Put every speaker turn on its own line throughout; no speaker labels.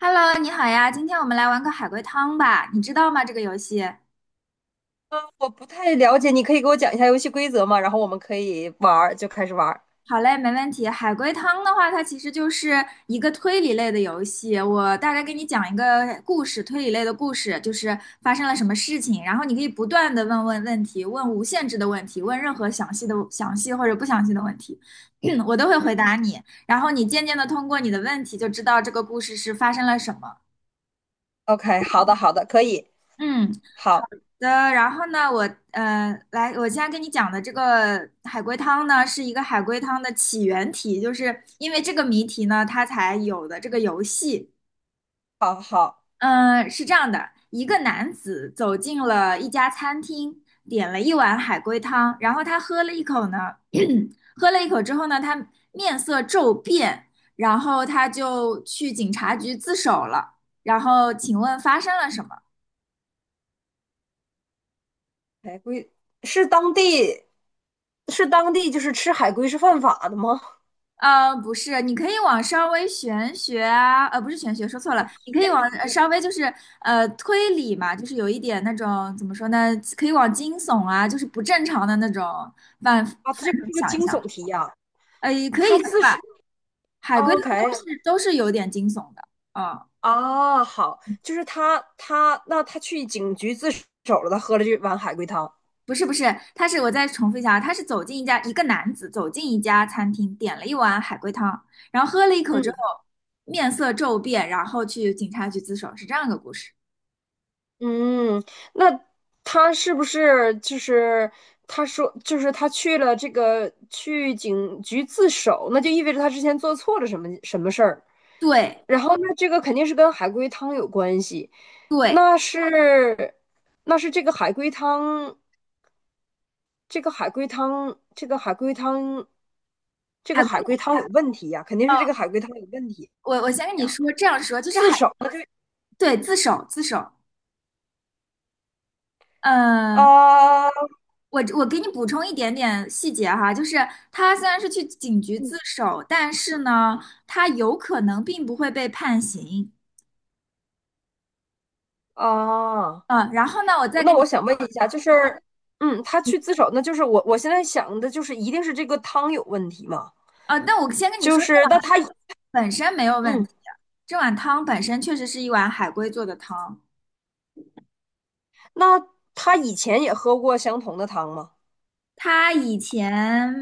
Hello，你好呀，今天我们来玩个海龟汤吧，你知道吗？这个游戏？
我不太了解，你可以给我讲一下游戏规则吗？然后我们可以玩儿，就开始玩儿。
好嘞，没问题。海龟汤的话，它其实就是一个推理类的游戏。我大概给你讲一个故事，推理类的故事，就是发生了什么事情，然后你可以不断的问题，问无限制的问题，问任何详细或者不详细的问题，我都会回
嗯，
答你。然后你渐渐的通过你的问题就知道这个故事是发生了什么。
OK，好的，好的，可以，
嗯，
好，
的，然后呢，我现在跟你讲的这个海龟汤呢，是一个海龟汤的起源题，就是因为这个谜题呢，它才有的这个游戏。
好，好。
嗯，是这样的，一个男子走进了一家餐厅，点了一碗海龟汤，然后他喝了一口呢，喝了一口之后呢，他面色骤变，然后他就去警察局自首了。然后，请问发生了什么？
海龟是当地是当地就是吃海龟是犯法的吗？
不是，你可以往稍微玄学啊。不是玄学，说错了，你可以
悬
往
疑
稍微就是推理嘛，就是有一点那种，怎么说呢，可以往惊悚啊，就是不正常的那种范
啊，这个
畴
是个
想一
惊
想。
悚题呀、
也可以
他
算
自
吧。
首
海龟汤
，OK，
都是有点惊悚的。嗯，
啊，好，就是他他去警局自首了，他喝了这碗海龟汤。
不是不是。他是，我再重复一下，啊，他是走进一家一个男子走进一家餐厅，点了一碗海龟汤，然后喝了一口
嗯，
之后面色骤变，然后去警察局自首，是这样一个故事。
嗯，那他是不是他说就是他去了这个去警局自首，那就意味着他之前做错了什么事儿，
对。
然后那这个肯定是跟海龟汤有关系，
对，
那是那是这个海龟汤，这个海龟汤，这个海龟汤，这个
海
海龟
龟
汤有问题呀，肯定
汤
是这个
哦，
海龟汤有问题
我先跟你
呀，
说，这样说就是
自
海。
首
对，自首自首。呃，
啊
我给你补充一点点细节哈，就是他虽然是去警局自首，但是呢，他有可能并不会被判刑。
啊！
然后呢，我再
那
跟
我
你，
想问一下，就是，嗯，他去自首，那就是我现在想的就是，一定是这个汤有问题嘛？
啊，那我先跟你
就
说，这
是那
碗
他，
汤本身没有问
嗯，
题，这碗汤本身确实是一碗海龟做的汤。
那他以前也喝过相同的汤吗？
他以前，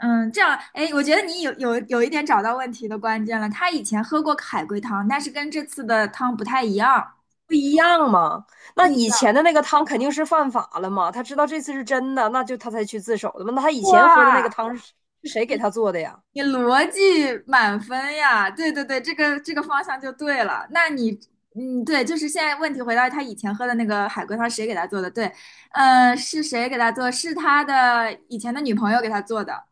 嗯，这样，哎，我觉得你有一点找到问题的关键了。他以前喝过海龟汤，但是跟这次的汤不太一样，
不一样吗？那
不一
以
样。
前的那个汤肯定是犯法了嘛？他知道这次是真的，那就他才去自首的嘛？那他以前喝的那
哇，
个汤是是谁给他做的呀？
你逻辑满分呀！对对对，这个方向就对了。那你，嗯，对，就是现在问题回到他以前喝的那个海龟汤，谁给他做的？对，是谁给他做？是他的以前的女朋友给他做的。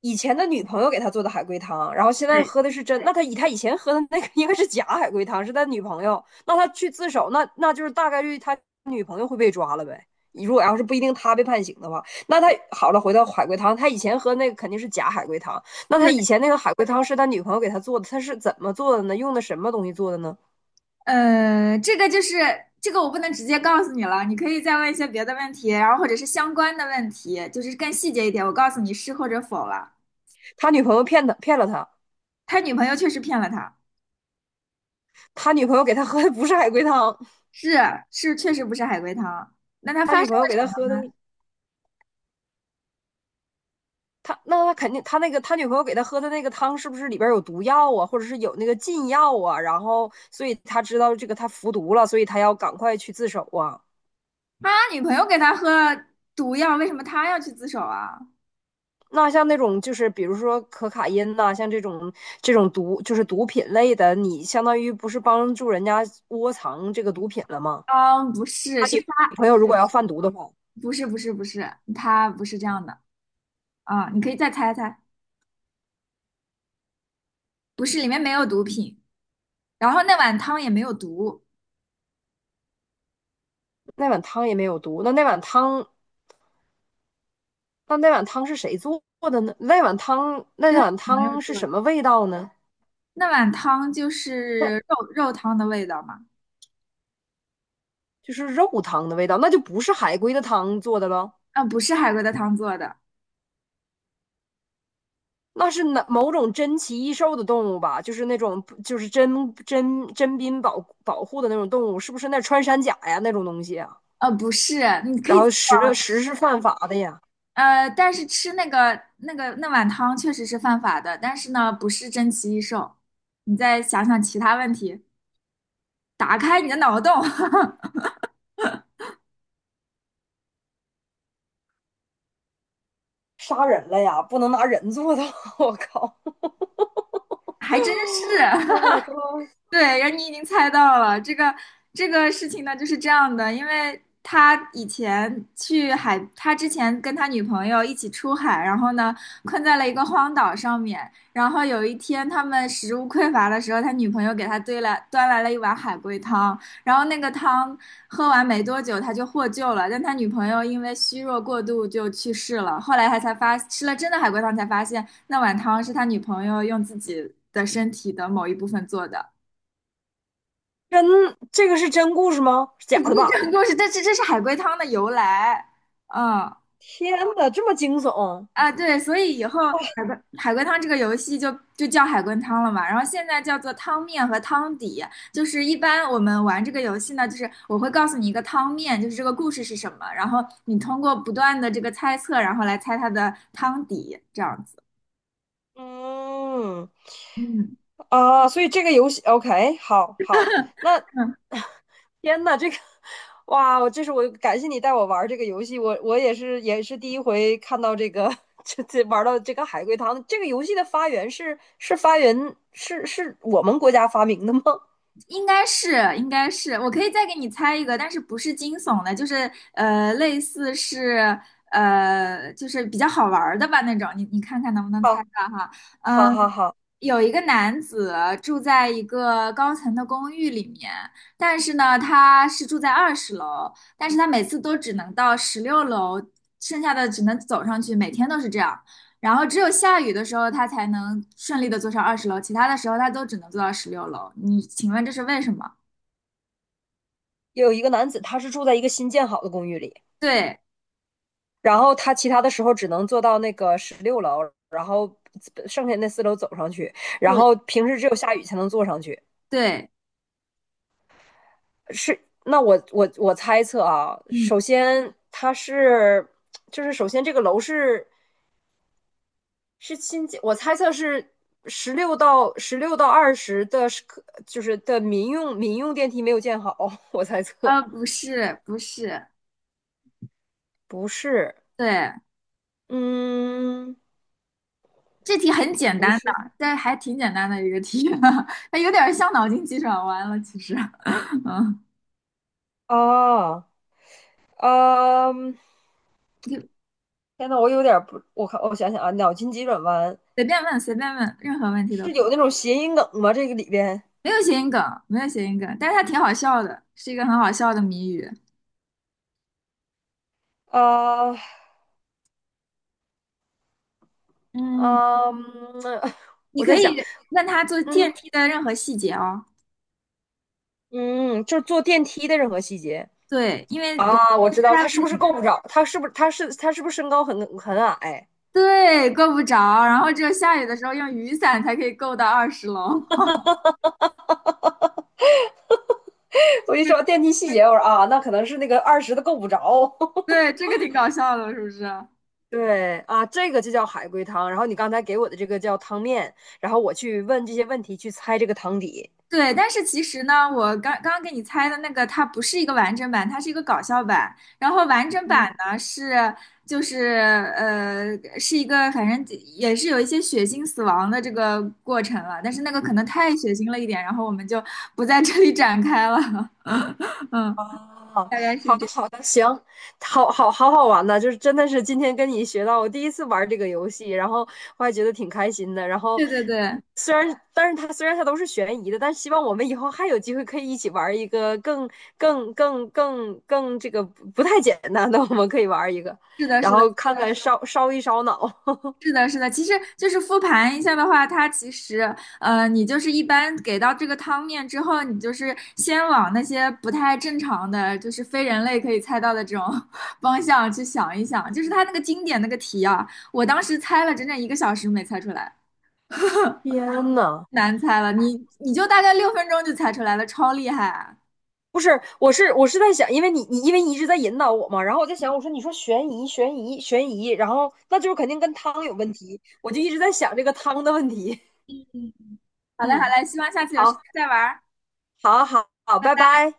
以前的女朋友给他做的海龟汤，然后现在
对，
喝的是真。那他以前喝的那个应该是假海龟汤，是他女朋友。那他去自首，那就是大概率他女朋友会被抓了呗。如果要是不一定他被判刑的话，那他好了，回到海龟汤，他以前喝那个肯定是假海龟汤。那他以前那个海龟汤是他女朋友给他做的，他是怎么做的呢？用的什么东西做的呢？
呃，这个就是这个，我不能直接告诉你了，你可以再问一些别的问题，然后或者是相关的问题，就是更细节一点，我告诉你是或者否了。
他女朋友骗了他，
他女朋友确实骗了他，
他女朋友给他喝的不是海龟汤，
是是，确实不是海龟汤。那他
他
发
女
生
朋
了
友给
什
他喝
么？
的他那他肯定，他那个他女朋友给他喝的那个汤是不是里边有毒药啊，或者是有那个禁药啊？然后，所以他知道这个他服毒了，所以他要赶快去自首啊。
他女朋友给他喝毒药，为什么他要去自首啊？
那像那种就是比如说可卡因呐、像这种这种毒就是毒品类的，你相当于不是帮助人家窝藏这个毒品了吗？
啊，不是，是他，
朋友如果要贩毒的话，
不是不是不是，他不是这样的啊，你可以再猜猜，不是，里面没有毒品，然后那碗汤也没有毒，
那碗汤也没有毒，那那碗汤是谁做的呢？那
是他
那
女
碗
朋友
汤是
做
什
的。
么味道呢？
那碗汤就
那
是肉汤的味道吗？
就是肉汤的味道，那就不是海龟的汤做的了，
啊、不是海龟的汤做的，
那是哪某种珍奇异兽的动物吧？就是那种就是珍保保护的那种动物，是不是那穿山甲呀那种东西啊？
不是，你可
然
以，
后实是犯法的呀，
但是吃那碗汤确实是犯法的，但是呢，不是珍奇异兽。你再想想其他问题，打开你的脑洞。
杀人了呀，不能拿人做的。我靠
还真是。
！Oh my god！
对，然后你已经猜到了这个事情呢，就是这样的，因为他以前去海，他之前跟他女朋友一起出海，然后呢困在了一个荒岛上面，然后有一天他们食物匮乏的时候，他女朋友给他兑了端来了一碗海龟汤，然后那个汤喝完没多久他就获救了，但他女朋友因为虚弱过度就去世了，后来他才发吃了真的海龟汤才发现那碗汤是他女朋友用自己的身体的某一部分做的。
真这个是真故事吗？假
这不
的
是
吧？
真故事，这是海龟汤的由来。嗯，
天哪，这么惊悚！
啊，对，所以以后海龟汤这个游戏就叫海龟汤了嘛。然后现在叫做汤面和汤底，就是一般我们玩这个游戏呢，就是我会告诉你一个汤面，就是这个故事是什么，然后你通过不断的这个猜测，然后来猜它的汤底，这样子。
嗯，
嗯
啊，所以这个游戏，OK，好好，那
嗯，
天呐，这个哇，我这是我感谢你带我玩儿这个游戏，我也是第一回看到这个 这玩到这个海龟汤。这个游戏的发源是是我们国家发明的吗？
应该是，应该是，我可以再给你猜一个，但是不是惊悚的，就是类似是就是比较好玩儿的吧那种，你看看能不能猜
好，
到哈？嗯、
好，好，好，
有一个男子住在一个高层的公寓里面，但是呢，他是住在二十楼，但是他每次都只能到十六楼，剩下的只能走上去，每天都是这样。然后只有下雨的时候，他才能顺利的坐上二十楼，其他的时候他都只能坐到十六楼。你请问这是为什么？
有一个男子，他是住在一个新建好的公寓里，
对
然后他其他的时候只能坐到那个十六楼，然后剩下那四楼走上去，然
对，
后平时只有下雨才能坐上去。
对，
是，那我猜测啊，
嗯，
首先它是，就是首先这个楼是是新建，我猜测是十六到二十的是可，就是的民用电梯没有建好，我猜测
啊，不是不是。
不是，
对，
嗯，
这题很简
不
单的，
是
但还挺简单的一个题，它有点像脑筋急转弯了，其实。嗯，
啊，嗯，
就
天呐，我有点不，我看我想想啊，脑筋急转弯
随便问随便问，任何问题都
是
可以。
有那种谐音梗吗？这个里边
没有谐音梗，没有谐音梗，但是它挺好笑的，是一个很好笑的谜语。
啊，
嗯，
嗯，
你
我
可
在想。
以问他坐电
嗯，
梯的任何细节哦。
嗯，就是坐电梯的任何细节。
对，因为我
啊，我知道
它
他是不是够不着，他是不是身高很矮？
对够不着，然后只有下雨的时候用雨伞才可以够到二十楼。
我一说到电梯细节，我说啊，那可能是那个二十的够不着。
对，这个挺搞笑的，是不是？
对啊，这个就叫海龟汤。然后你刚才给我的这个叫汤面，然后我去问这些问题去猜这个汤底。
对，但是其实呢，我刚刚给你猜的那个，它不是一个完整版，它是一个搞笑版。然后完整版
嗯。
呢，是，就是，是一个，反正也是有一些血腥死亡的这个过程了，但是那个可能太血腥了一点，然后我们就不在这里展开了。嗯，
哦，
大概是
好
这
的
样。
好的，行，好好好玩呢，就是真的是今天跟你学到，我第一次玩这个游戏，然后我还觉得挺开心的。然后
对对对，
虽然，但是它虽然它都是悬疑的，但希望我们以后还有机会可以一起玩一个更这个不太简单的，我们可以玩一个，
是的，
然
是的。
后看看烧脑。
是的，是的，其实就是复盘一下的话，它其实，你就是一般给到这个汤面之后，你就是先往那些不太正常的，就是非人类可以猜到的这种 方向去想一想。就是它那个经典那个题啊，我当时猜了整整一个小时没猜出来，
天呐！
难猜了，你就大概6分钟就猜出来了，超厉害啊。
不是，我是在想，因为你因为你一直在引导我嘛，然后我在想，我说你说悬疑，然后那就是肯定跟汤有问题，我就一直在想这个汤的问题。
嗯，好嘞，好
嗯，
嘞，希望下次有时间
好，
再玩儿。
好，好，好，
拜
拜
拜。
拜。